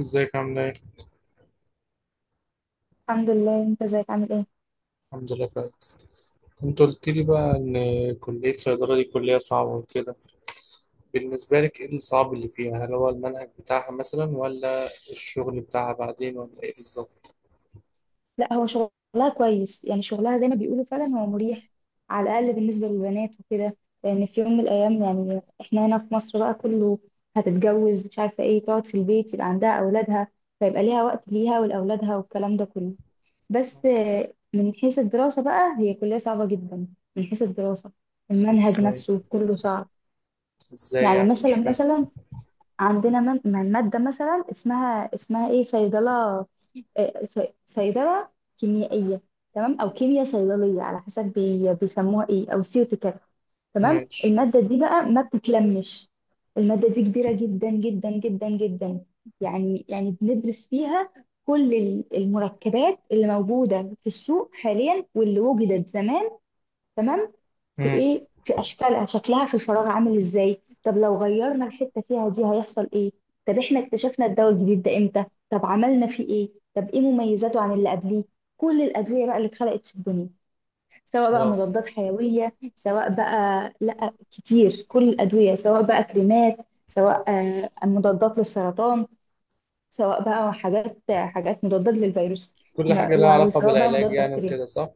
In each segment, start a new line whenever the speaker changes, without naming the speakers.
ازيك عاملة ايه؟
الحمد لله، انت ازيك؟ عامل ايه؟
الحمد لله كويس. كنت قلت لي بقى ان كلية صيدلة دي كلية صعبة وكده. بالنسبة لك ايه الصعب اللي فيها؟ هل هو المنهج بتاعها مثلا ولا الشغل بتاعها بعدين ولا ايه بالظبط؟
لا، هو شغلها كويس، يعني شغلها زي ما بيقولوا فعلا هو مريح، على الاقل بالنسبه للبنات وكده. لان في يوم من الايام يعني احنا هنا في مصر بقى كله هتتجوز مش عارفه ايه، تقعد في البيت، يبقى عندها اولادها، فيبقى ليها وقت ليها ولاولادها والكلام ده كله. بس من حيث الدراسه بقى هي كليه صعبه جدا. من حيث الدراسه، المنهج
ازاي؟
نفسه كله صعب.
ازاي
يعني
يعني مش
مثلا
فاهم.
مثلا عندنا مادة مثلا اسمها، ايه، صيدلة. صيدلة كيميائية. تمام، أو كيمياء صيدلية، على حسب بيسموها ايه، أو سيوتيكال. تمام،
ماشي.
المادة دي بقى ما بتتلمش. المادة دي كبيرة جدا جدا جدا جدا. يعني بندرس فيها كل المركبات اللي موجودة في السوق حاليا واللي وجدت زمان. تمام، في
مم.
ايه، في اشكالها، شكلها في الفراغ عامل ازاي، طب لو غيرنا الحته فيها دي هيحصل ايه، طب احنا اكتشفنا الدواء الجديد ده امتى، طب عملنا فيه ايه، طب ايه مميزاته عن اللي قبليه. كل الادويه بقى اللي اتخلقت في الدنيا، سواء بقى
اه.
مضادات حيويه، سواء بقى لا كتير، كل الادويه، سواء بقى كريمات، سواء مضادات للسرطان، سواء بقى حاجات مضادات للفيروس.
كل
ما-
حاجة لها علاقة
وسواء بقى
بالعلاج
مضاد
يعني
بكتيريا.
وكده صح؟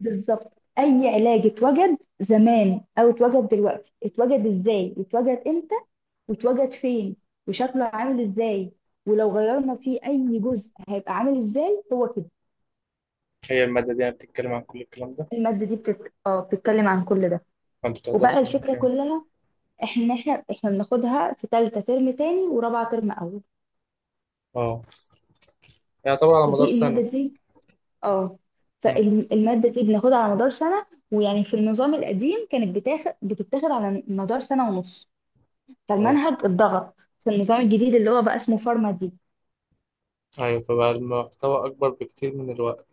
بالظبط. اي علاج اتوجد زمان او اتوجد دلوقتي، اتوجد ازاي، واتوجد امتى، واتوجد فين، وشكله عامل ازاي، ولو غيرنا فيه اي جزء هيبقى عامل ازاي، هو كده.
هي المادة دي يعني بتتكلم عن كل الكلام ده؟
المادة دي بتت... اه بتتكلم عن كل ده.
فانت بتقدر في
وبقى
سنة
الفكرة
كام؟
كلها، احنا بناخدها في تالتة ترم تاني ورابعة ترم اول.
اه، يعني طبعا على مدار
فدي
سنة.
المادة دي. اه.
مم.
فالمادة دي بناخدها على مدار سنة. ويعني في النظام القديم كانت بتتاخد على مدار سنة ونص.
اه،
فالمنهج اتضغط في النظام الجديد اللي هو بقى اسمه فارما دي.
ايوه فبقى المحتوى اكبر بكتير من الوقت.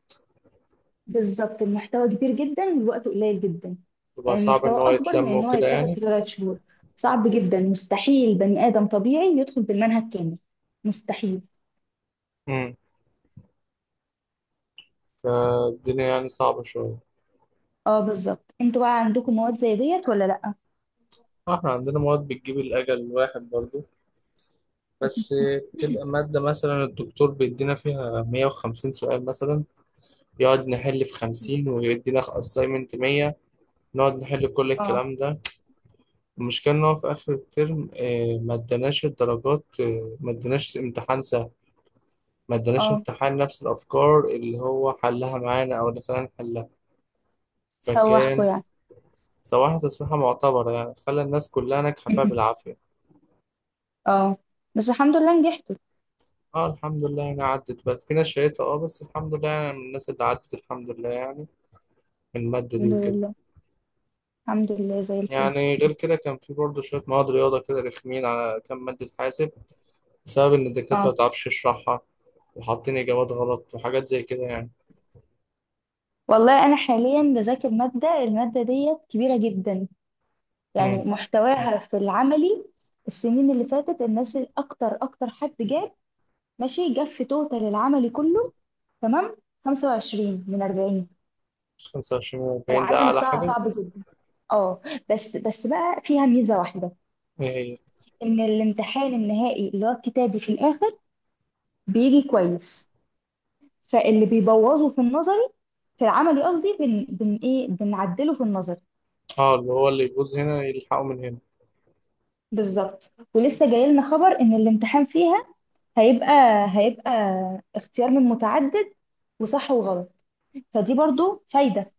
بالظبط، المحتوى كبير جدا والوقت قليل جدا.
يبقى
يعني
صعب
المحتوى
إن هو
أكبر من
يتلم
إن هو
وكده
يتاخد في
يعني.
ثلاث شهور. صعب جدا، مستحيل بني آدم طبيعي يدخل بالمنهج كامل. مستحيل.
امم فالدنيا يعني صعبة شوية.
اه، بالظبط. انتوا بقى عندكم مواد زي ديت ولا لأ؟
احنا عندنا مواد بتجيب الأجل الواحد برضو بس. بتبقى مادة مثلا الدكتور بيدينا فيها 150 سؤال مثلا، يقعد نحل في 50 ويدينا assignment 100. نقعد نحل كل
اه،
الكلام ده. المشكلة إن هو في آخر الترم، ما اداناش الدرجات، ما اداناش امتحان سهل. ما اداناش
اه،
امتحان نفس الأفكار اللي هو حلها معانا أو اللي خلانا نحلها.
سوحكوا
فكان
يعني.
سواها تسويحة معتبرة يعني خلى الناس كلها ناجحة فيها بالعافية.
اه، بس الحمد لله نجحتوا.
اه الحمد لله، يعني عدت بقى، في ناس شريتها، اه بس الحمد لله يعني من الناس اللي عدت، الحمد لله يعني، من المادة دي
الحمد
وكده.
لله. الحمد لله زي الفل.
يعني غير كده كان في برضه شوية مواد رياضة كده رخمين، على كام مادة حاسب بسبب إن الدكاترة
اه،
متعرفش تشرحها وحاطين إجابات غلط وحاجات زي كده يعني.
والله انا حاليا بذاكر الماده ديت كبيره جدا. يعني
امم
محتواها في العملي، السنين اللي فاتت الناس اكتر، اكتر حد جاب، ماشي، جاب في توتال العملي كله، تمام، 25 من 40.
25 و40 ده
العملي
أعلى
بتاعها
حاجة.
صعب جدا. اه، بس بقى فيها ميزة واحدة.
إيه هي؟
ان الامتحان النهائي اللي هو الكتابي في الاخر بيجي كويس. فاللي بيبوظه في النظري، في العملي قصدي، بن, بن ايه بنعدله في النظري.
اه، اللي هو اللي يبوظ هنا يلحقه من هنا.
بالظبط، ولسه جاي لنا خبر ان الامتحان فيها هيبقى هيبقى اختيار من متعدد، وصح وغلط. فدي برضو فايدة.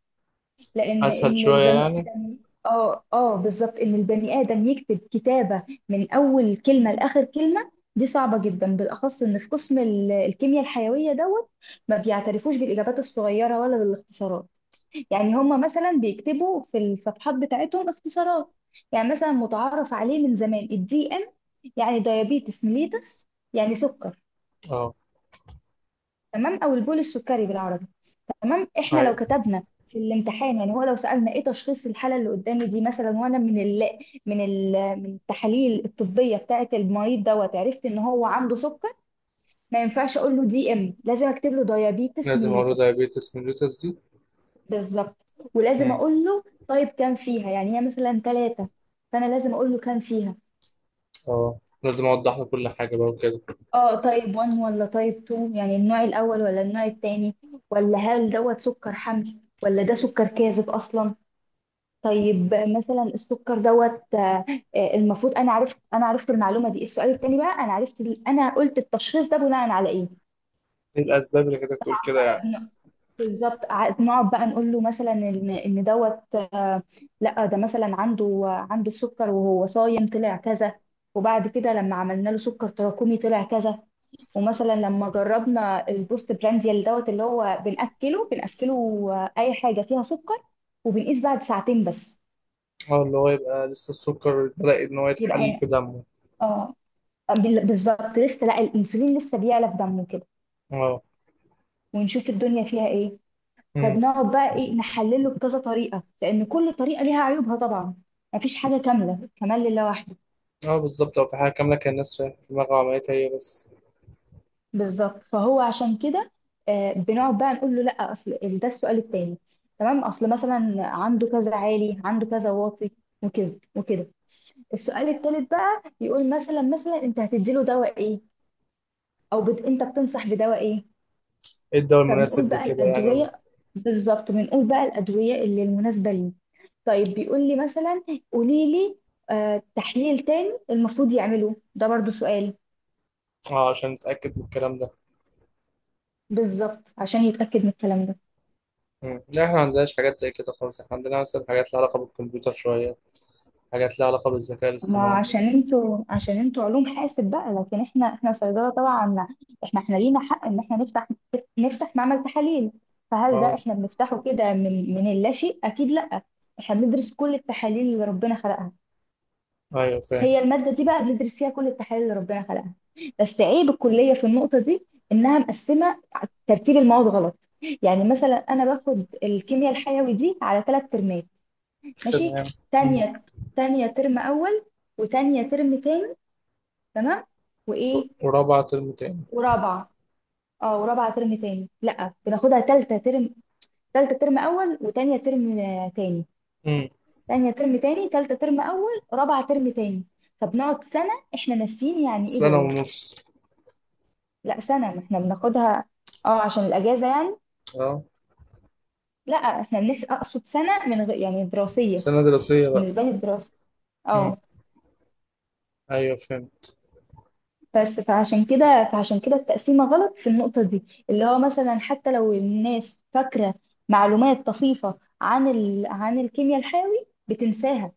لأن
أسهل
إن
شوية
البني
يعني.
آدم. اه، اه، بالظبط، إن البني آدم يكتب كتابة من أول كلمة لآخر كلمة دي صعبة جدا، بالأخص إن في قسم الكيمياء الحيوية دوت ما بيعترفوش بالإجابات الصغيرة ولا بالاختصارات. يعني هما مثلا بيكتبوا في الصفحات بتاعتهم اختصارات. يعني مثلا متعارف عليه من زمان، الدي إم، يعني دايابيتس ميليتس، يعني سكر.
اه،
تمام، او البول السكري بالعربي. تمام، احنا لو
أيوة
كتبنا في الامتحان، يعني هو لو سالنا ايه تشخيص الحاله اللي قدامي دي مثلا، وانا من ال من التحاليل الطبيه بتاعه المريض دوت عرفت ان هو عنده سكر، ما ينفعش اقول له دي ام، لازم اكتب له دايابيتس
لازم أقوله
ميليتس.
دايابيتس ميليتس دي.
بالظبط، ولازم اقول له طيب كام فيها، يعني هي مثلا ثلاثه، فانا لازم اقول له كام فيها.
اه، لازم اوضح له كل حاجه بقى وكده.
اه، طيب 1 ولا طيب 2، يعني النوع الاول ولا النوع الثاني، ولا هل دوت سكر حمل، ولا ده سكر كاذب اصلا. طيب مثلا السكر دوت، المفروض انا عرفت، المعلومه دي. السؤال التاني بقى، انا عرفت انا قلت التشخيص ده بناء على ايه.
ايه الاسباب اللي كانت تقول كده يعني.
بن- بالظبط. نقعد بقى نقول له مثلا ان دوت، لا، ده مثلا عنده سكر وهو صايم طلع كذا. وبعد كده لما عملنا له سكر تراكمي طلع كذا. ومثلا لما جربنا البوست برانديال دوت اللي هو بنأكله اي حاجه فيها سكر، وبنقيس بعد ساعتين بس.
اه، اللي هو يبقى لسه السكر بدأ ان هو يتحلل
يبقى
في دمه.
اه بالظبط، لسه لا، الانسولين لسه بيعلى في دمه كده،
اه.
ونشوف الدنيا فيها ايه.
امم.
فبنقعد بقى ايه، نحلله بكذا طريقه، لان كل طريقه ليها عيوبها طبعا. مفيش حاجه كامله، كمال لله وحده.
اه، بالظبط لو في حاجه كامله كان الناس رايحة في دماغها عملتها هي بس.
بالظبط، فهو عشان كده بنقعد بقى نقول له، لا اصل ده السؤال التاني. تمام، اصل مثلا عنده كذا عالي، عنده كذا واطي، وكذا وكده. السؤال التالت بقى يقول، مثلا، انت هتديله دواء ايه، او انت بتنصح بدواء ايه.
ايه الدواء
فبنقول
المناسب
بقى
لكده يعني
الأدوية. بالظبط، بنقول بقى الأدوية اللي المناسبة ليه. طيب بيقول لي مثلا، قولي لي تحليل تاني المفروض يعمله، ده برضو سؤال.
اه عشان نتأكد من الكلام ده.
بالظبط، عشان يتأكد من الكلام ده.
لا احنا ما عندناش حاجات زي كده خالص. احنا عندنا مثلا حاجات لها علاقه بالكمبيوتر شويه، حاجات لها علاقه بالذكاء
ما
الاصطناعي.
عشان انتوا، علوم حاسب بقى، لكن احنا، صيدلة طبعا. احنا، لينا حق ان احنا نفتح معمل تحاليل. فهل ده
اه،
احنا بنفتحه كده من اللاشيء؟ أكيد لأ. احنا بندرس كل التحاليل اللي ربنا خلقها.
ايوه فاهم.
هي المادة دي بقى بندرس فيها كل التحاليل اللي ربنا خلقها. بس عيب الكلية في النقطة دي إنها مقسمة، ترتيب المواد غلط. يعني مثلا أنا باخد الكيمياء الحيوي دي على ثلاث ترمات. ماشي.
تمام. امم
تانية تانية ترم أول وتانية ترم تاني. تمام. وإيه.
ورابعه ترم تاني.
ورابعة. اه، ورابعة ترم تاني، لأ بناخدها تالتة ترم، تالتة ترم أول وتانية ترم تاني.
امم
تانية ترم تاني، تالتة ترم أول، رابعة ترم تاني. فبنقعد سنة إحنا ناسيين يعني إيه
سنه
بايو.
ونص.
لا سنة، ما احنا بناخدها. اه، عشان الأجازة يعني.
اه،
لا، احنا بنحس، أقصد سنة من غير يعني دراسية.
سنه دراسيه بقى.
بالنسبة لي الدراسة.
مم.
اه.
ايوه فهمت.
بس، فعشان كده التقسيمة غلط في النقطة دي. اللي هو مثلا حتى لو الناس فاكرة معلومات طفيفة عن عن الكيمياء الحيوي بتنساها.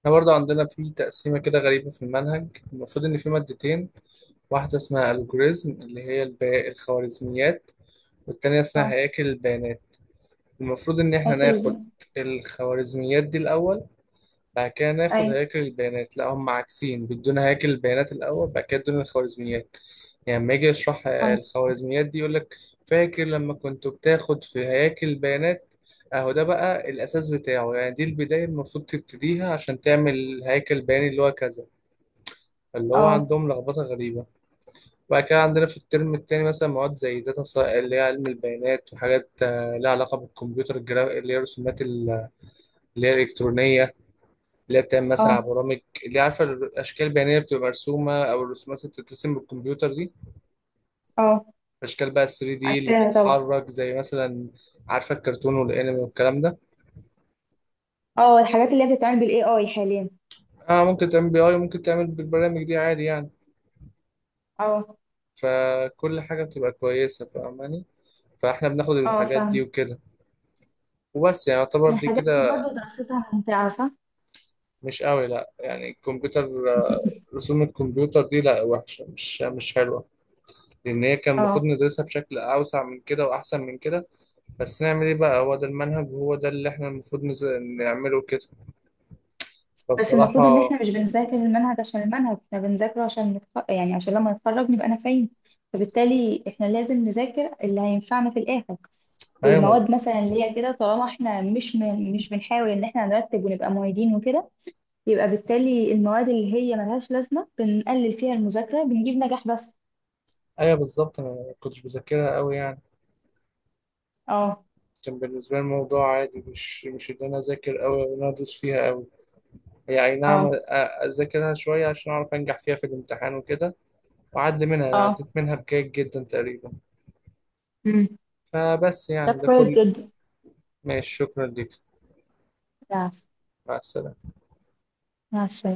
احنا برضه عندنا في تقسيمه كده غريبه في المنهج. المفروض ان في مادتين. واحده اسمها الجوريزم اللي هي الخوارزميات، والتانيه اسمها
اه،
هياكل البيانات. المفروض ان احنا ناخد
قافل.
الخوارزميات دي الاول، بعد كده ناخد
ايوه.
هياكل البيانات. لا هم عكسين، بيدونا هياكل البيانات الأول بعد كده يدونا الخوارزميات. يعني لما يجي يشرح
اه،
الخوارزميات دي يقول لك، فاكر لما كنت بتاخد في هياكل البيانات، اهو ده بقى الأساس بتاعه يعني، دي البداية المفروض تبتديها عشان تعمل هياكل بياني اللي هو كذا. اللي هو
اه،
عندهم لخبطة غريبة. وبعد كده عندنا في الترم التاني مثلا مواد زي اللي هي علم البيانات، وحاجات لها علاقة بالكمبيوتر، الجرا اللي هي الرسومات اللي هي الإلكترونية، اللي هي بتعمل مثلا على
اه،
برامج. اللي عارفه الاشكال البيانيه بتبقى مرسومه او الرسومات اللي بتترسم بالكمبيوتر دي.
اه.
الاشكال بقى 3D اللي
عارفاها طبعا.
بتتحرك، زي مثلا عارفه الكرتون والانمي والكلام ده.
اه، الحاجات اللي هي بتتعمل بالاي اي حاليا.
اه، ممكن تعمل بي اي وممكن تعمل بالبرامج دي عادي يعني.
اه،
فكل حاجه بتبقى كويسه، فاهماني؟ فاحنا بناخد
اه،
الحاجات دي
فاهم.
وكده. وبس يعني يعتبر دي
الحاجات دي
كده.
برضو دراستها ممتعة، صح؟
مش قوي لا يعني، الكمبيوتر، آه، رسوم الكمبيوتر دي لا وحشه، مش حلوه. لان هي كان المفروض
اه،
ندرسها بشكل اوسع من كده واحسن من كده. بس نعمل ايه بقى، هو ده المنهج وهو ده اللي احنا المفروض نعمله كده.
بس المفروض ان
فبصراحة،
احنا مش بنذاكر المنهج عشان المنهج، احنا بنذاكره عشان نتخ... يعني عشان لما نتخرج نبقى نافعين. فبالتالي احنا لازم نذاكر اللي هينفعنا في الاخر.
ايوه
والمواد مثلا اللي هي كده، طالما احنا مش بنحاول ان احنا نرتب ونبقى معيدين وكده، يبقى بالتالي المواد اللي هي ملهاش لازمة بنقلل فيها المذاكرة، بنجيب نجاح بس.
ايوه بالظبط انا ما كنتش بذاكرها قوي يعني.
اه،
كان بالنسبة لي الموضوع عادي، مش ان انا اذاكر قوي او ان انا ادوس فيها قوي. هي اي نعم،
اه،
اذاكرها شوية عشان اعرف انجح فيها في الامتحان وكده. واعدي منها، انا
اه،
عديت منها بجيد جدا تقريبا.
امم.
فبس
طب
يعني ده
كويس
كل.
جدا.
ماشي، شكرا ليك.
يا-
مع السلامة.
مع السلامة.